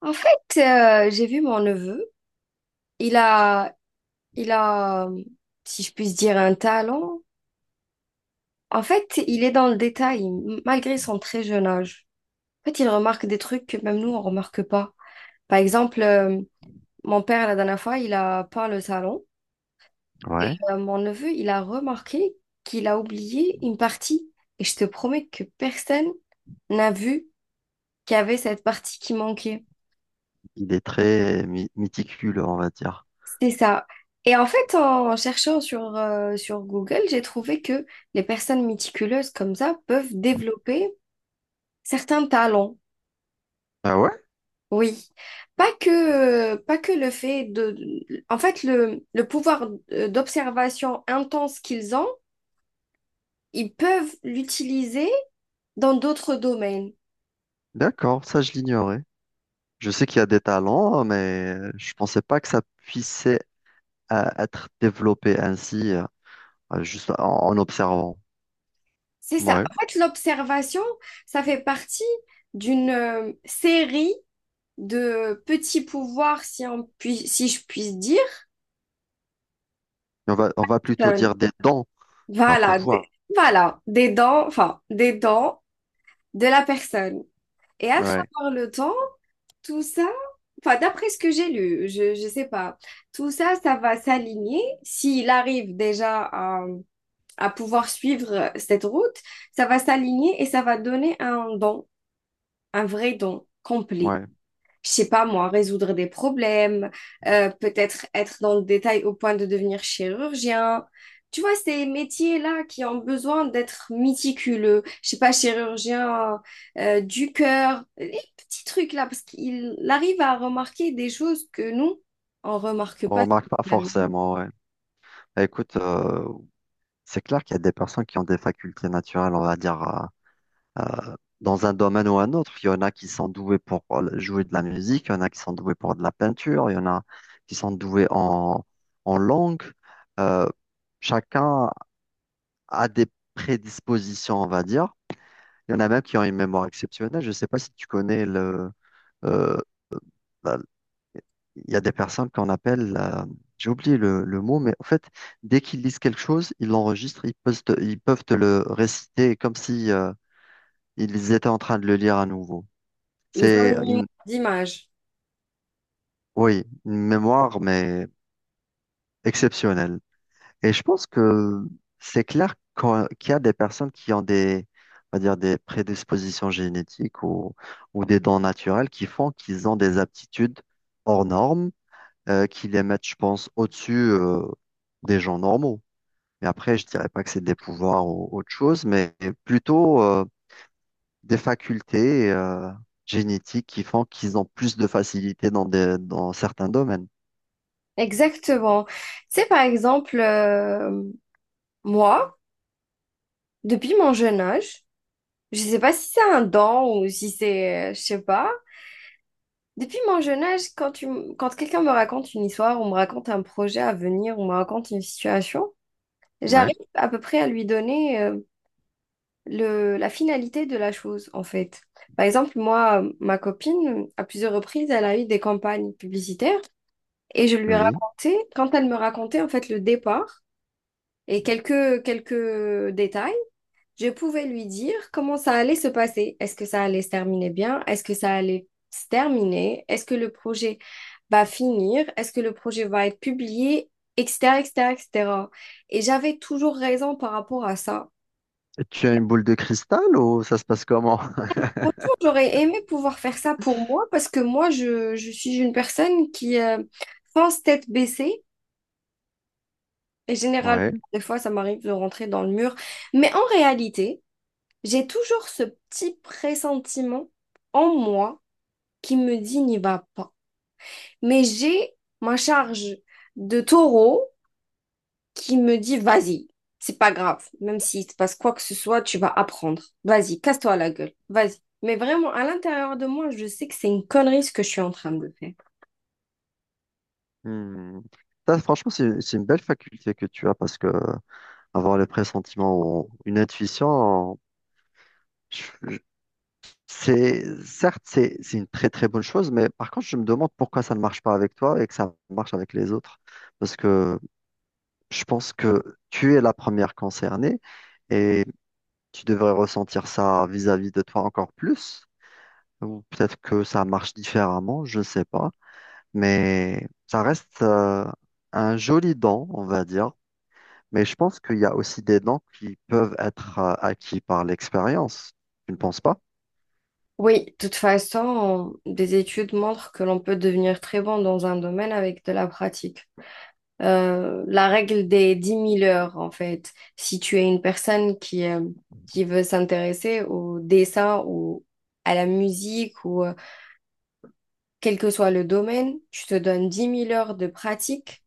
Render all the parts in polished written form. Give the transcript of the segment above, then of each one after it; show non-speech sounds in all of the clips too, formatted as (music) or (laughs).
En fait, j'ai vu mon neveu. Il a, il a, si je puis dire, un talent. En fait, il est dans le détail, malgré son très jeune âge. En fait, il remarque des trucs que même nous, on remarque pas. Par exemple, mon père, la dernière fois, il a peint le salon. Et Ouais. euh, mon neveu, il a remarqué qu'il a oublié une partie. Et je te promets que personne n'a vu qu'il y avait cette partie qui manquait. Il est très méticuleux, on va dire. C'est ça. Et en fait, en cherchant sur Google, j'ai trouvé que les personnes méticuleuses comme ça peuvent développer certains talents. Ah ouais? Oui. Pas que, pas que le fait de... En fait, le pouvoir d'observation intense qu'ils ont, ils peuvent l'utiliser dans d'autres domaines. D'accord, ça je l'ignorais. Je sais qu'il y a des talents, hein, mais je pensais pas que ça puissait être développé ainsi, juste en observant. C'est ça. Ouais. En fait, l'observation, ça fait partie d'une série de petits pouvoirs, si je puis dire. On va plutôt Enfin, dire des dons, pas voilà, des, pouvoir. voilà, des dents, enfin, des dents de la personne. Et à Ouais, travers le temps, tout ça, enfin, d'après ce que j'ai lu, je sais pas, tout ça, ça va s'aligner. S'il arrive déjà à pouvoir suivre cette route, ça va s'aligner et ça va donner un don, un vrai don complet. ouais. Je sais pas moi, résoudre des problèmes, peut-être être dans le détail au point de devenir chirurgien. Tu vois, ces métiers-là qui ont besoin d'être méticuleux, je sais pas, chirurgien du cœur, les petits trucs-là, parce qu'il arrive à remarquer des choses que nous, on remarque On pas remarque pas spécialement. forcément, ouais. Écoute, c'est clair qu'il y a des personnes qui ont des facultés naturelles, on va dire, euh, dans un domaine ou un autre. Il y en a qui sont doués pour jouer de la musique, il y en a qui sont doués pour de la peinture, il y en a qui sont doués en langue. Euh, chacun a des prédispositions, on va dire. Il y en a même qui ont une mémoire exceptionnelle. Je ne sais pas si tu connais le... euh, la- il y a des personnes qu'on appelle... j'ai oublié le mot, mais en fait, dès qu'ils lisent quelque chose, ils l'enregistrent, ils peuvent te le réciter comme si ils étaient en train de le lire à nouveau. Ils ont C'est une une… image d'image. Oui, une mémoire, mais exceptionnelle. Et je pense que qu'il y a des personnes qui ont des, on va dire, des prédispositions génétiques ou des dons naturels qui font qu'ils ont des aptitudes hors normes, qui les mettent, je pense, au-dessus, des gens normaux. Mais après, je dirais pas que c'est des pouvoirs ou autre chose, mais plutôt, des facultés, génétiques qui font qu'ils ont plus de facilité dans certains domaines. Exactement. Tu sais, par exemple, moi, depuis mon jeune âge, je sais pas si c'est un don ou si c'est, je sais pas. Depuis mon jeune âge, quand quand quelqu'un me raconte une histoire, on me raconte un projet à venir, on me raconte une situation, Ouais, j'arrive à peu près à lui donner la finalité de la chose, en fait. Par exemple, moi, ma copine, à plusieurs reprises, elle a eu des campagnes publicitaires et je lui ai oui. raconté, quand elle me racontait en fait le départ et quelques détails, je pouvais lui dire comment ça allait se passer. Est-ce que ça allait se terminer bien? Est-ce que ça allait se terminer? Est-ce que le projet va finir? Est-ce que le projet va être publié? Etc., etc., etc. Et j'avais toujours raison par rapport à ça. Tu as une boule de cristal ou ça se passe comment? (laughs) Franchement, j'aurais aimé pouvoir faire ça pour moi parce que moi, je suis une personne qui pense tête baissée et généralement, Ouais. des fois, ça m'arrive de rentrer dans le mur. Mais en réalité, j'ai toujours ce petit pressentiment en moi qui me dit n'y va pas. Mais j'ai ma charge de taureau qui me dit vas-y, c'est pas grave, même s'il te passe quoi que ce soit, tu vas apprendre. Vas-y, casse-toi la gueule, vas-y. Mais vraiment, à l'intérieur de moi, je sais que c'est une connerie ce que je suis en train de faire. Hmm. Ça, franchement, c'est une belle faculté que tu as parce que avoir le pressentiment ou une intuition, je- je- c'est certes, c'est une très très bonne chose, mais par contre, je me demande pourquoi ça ne marche pas avec toi et que ça marche avec les autres. Parce que je pense que tu es la première concernée et tu devrais ressentir ça vis-à-vis de toi encore plus. Ou peut-être que ça marche différemment, je ne sais pas. Mais ça reste un joli don, on va dire. Mais je pense qu'il y a aussi des dons qui peuvent être acquis par l'expérience. Tu ne penses pas? Oui, de toute façon, des études montrent que l'on peut devenir très bon dans un domaine avec de la pratique. La règle des 10 000 heures, en fait. Si tu es une personne qui veut s'intéresser au dessin ou à la musique ou quel que soit le domaine, tu te donnes 10 000 heures de pratique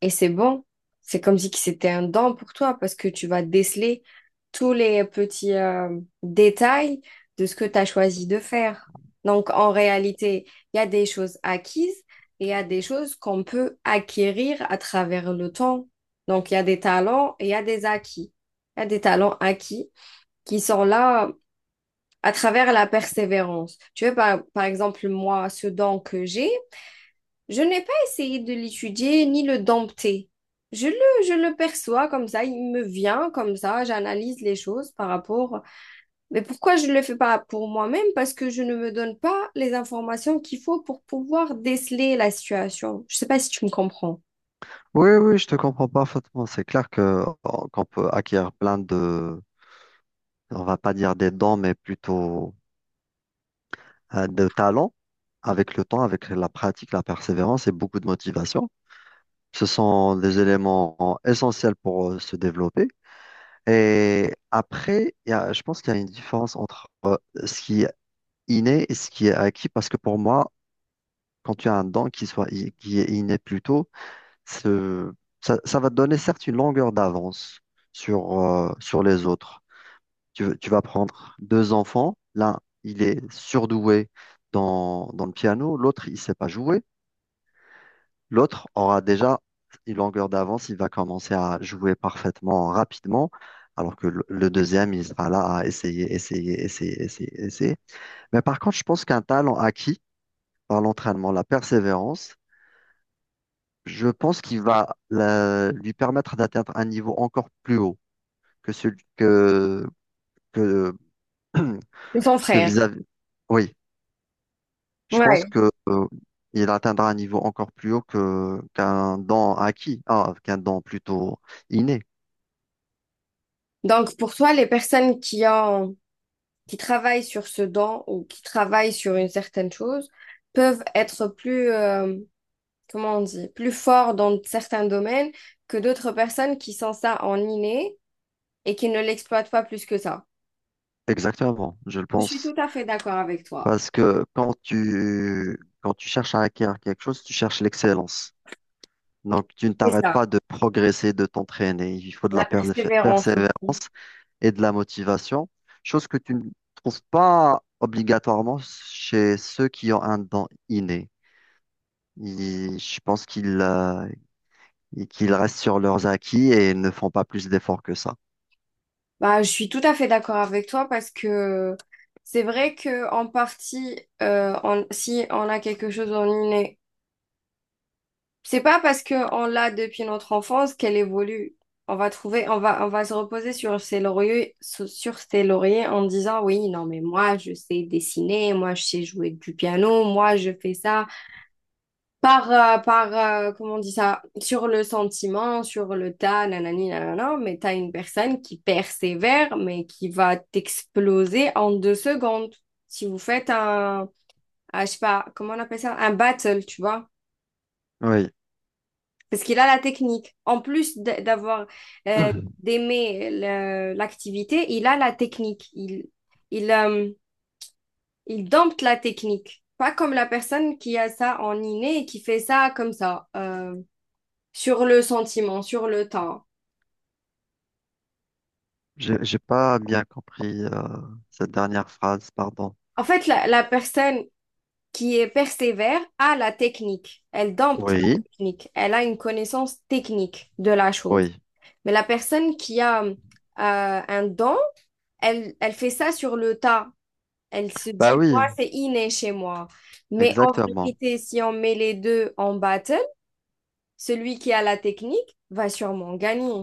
et c'est bon. C'est comme si que c'était un don pour toi parce que tu vas déceler tous les petits détails de ce que tu as choisi de faire. Donc, en réalité, il y a des choses acquises et il y a des choses qu'on peut acquérir à travers le temps. Donc, il y a des talents et il y a des acquis. Il y a des talents acquis qui sont là à travers la persévérance. Tu vois, par exemple, moi, ce don que j'ai, je n'ai pas essayé de l'étudier ni le dompter. Je le, je le perçois comme ça, il me vient comme ça, j'analyse les choses par rapport. Mais pourquoi je ne le fais pas pour moi-même? Parce que je ne me donne pas les informations qu'il faut pour pouvoir déceler la situation. Je ne sais pas si tu me comprends. Oui, oui, je te comprends parfaitement. C'est clair que oh, qu'on peut acquérir on va pas dire des dons, mais plutôt de talents avec le temps, avec la pratique, la persévérance et beaucoup de motivation. Ce sont des éléments essentiels pour se développer. Et après, je pense qu'il y a une différence entre ce qui inné et ce qui est acquis, parce que pour moi, quand tu as un qui est inné plutôt, ce- ça va te donner certes une longueur d'avance sur les autres. Tu vas prendre deux enfants, l'un, il est surdoué dans le piano, l'autre, il sait pas jouer, l'autre aura déjà une longueur d'avance, il va commencer à jouer parfaitement rapidement. Alors que le deuxième, il sera là à essayer, essayer, essayer, essayer, essayer. Mais par contre, je pense qu'un talent acquis, par l'entraînement, la persévérance, je pense lui permettre d'atteindre un niveau encore plus haut que celui que, C'est ton (clears throat) que frère. vis-à-vis. Oui, je Ouais. pense que, il atteindra un niveau encore plus haut qu'un qu'un don plutôt inné. Donc pour toi, les personnes qui ont, qui travaillent sur ce don ou qui travaillent sur une certaine chose peuvent être plus, comment on dit, plus fort dans certains domaines que d'autres personnes qui sont ça en inné et qui ne l'exploitent pas plus que ça. Exactement, je le Je suis tout pense. à fait d'accord avec toi. Parce que quand tu cherches à acquérir quelque chose, tu cherches l'excellence. Donc, tu ne C'est t'arrêtes pas ça, de progresser, de t'entraîner. Il faut de la la persévérance persévérance aussi. et de la motivation, chose que tu ne trouves pas obligatoirement chez ceux qui ont un don inné. Je pense qu'ils restent sur leurs acquis et ne font pas plus d'efforts que ça. Bah, je suis tout à fait d'accord avec toi parce que c'est vrai que en partie, on- si on a quelque chose en inné. C'est pas parce qu'on l'a depuis notre enfance qu'elle évolue. On va trouver, on va se reposer sur ses lauriers, sur ses lauriers en disant oui, non mais moi je sais dessiner, moi je sais jouer du piano, moi je fais ça par, par comment on dit ça, sur le sentiment, sur le tas, nanani, nanana, mais t'as une personne qui persévère mais qui va t'exploser en 2 secondes. Si vous faites un, ah, je sais pas, comment on appelle ça, un battle, tu vois. Oui, Parce qu'il a la technique. En plus d'avoir euh, (clears throat) d'aimer le- l'activité, il a la technique. Il, euh, il dompte la technique. Pas comme la personne qui a ça en inné et qui fait ça comme ça, sur le sentiment, sur le temps. j'ai pas bien compris cette dernière phrase, pardon. En fait, la personne qui est persévère a la technique. Elle dompte la Oui, technique. Elle a une connaissance technique de la chose. oui. Mais la personne qui a un don, elle fait ça sur le tas. Elle se Bah dit, moi, oui, c'est inné chez moi. Mais en exactement. vérité, si on met les deux en battle, celui qui a la technique va sûrement gagner.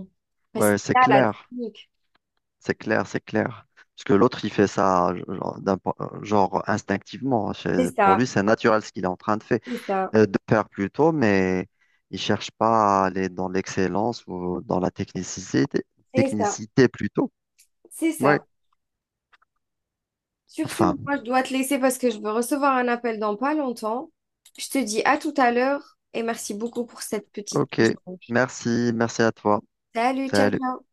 Parce qu'il Ouais, c'est a la clair. technique. C'est clair, c'est clair. Parce que l'autre, il fait ça genre, genre instinctivement. C'est C'est… Pour ça, lui, c'est naturel ce qu'il est en train de faire, c'est ça, mais il cherche pas à aller dans l'excellence ou dans la technicité, c'est ça, technicité plutôt. c'est Oui. ça. Sur ce, Enfin, moi, je dois te laisser parce que je veux recevoir un appel dans pas longtemps. Je te dis à tout à l'heure et merci beaucoup pour cette petite ok. échange. Merci, merci à toi. Salut, ciao, Salut. ciao.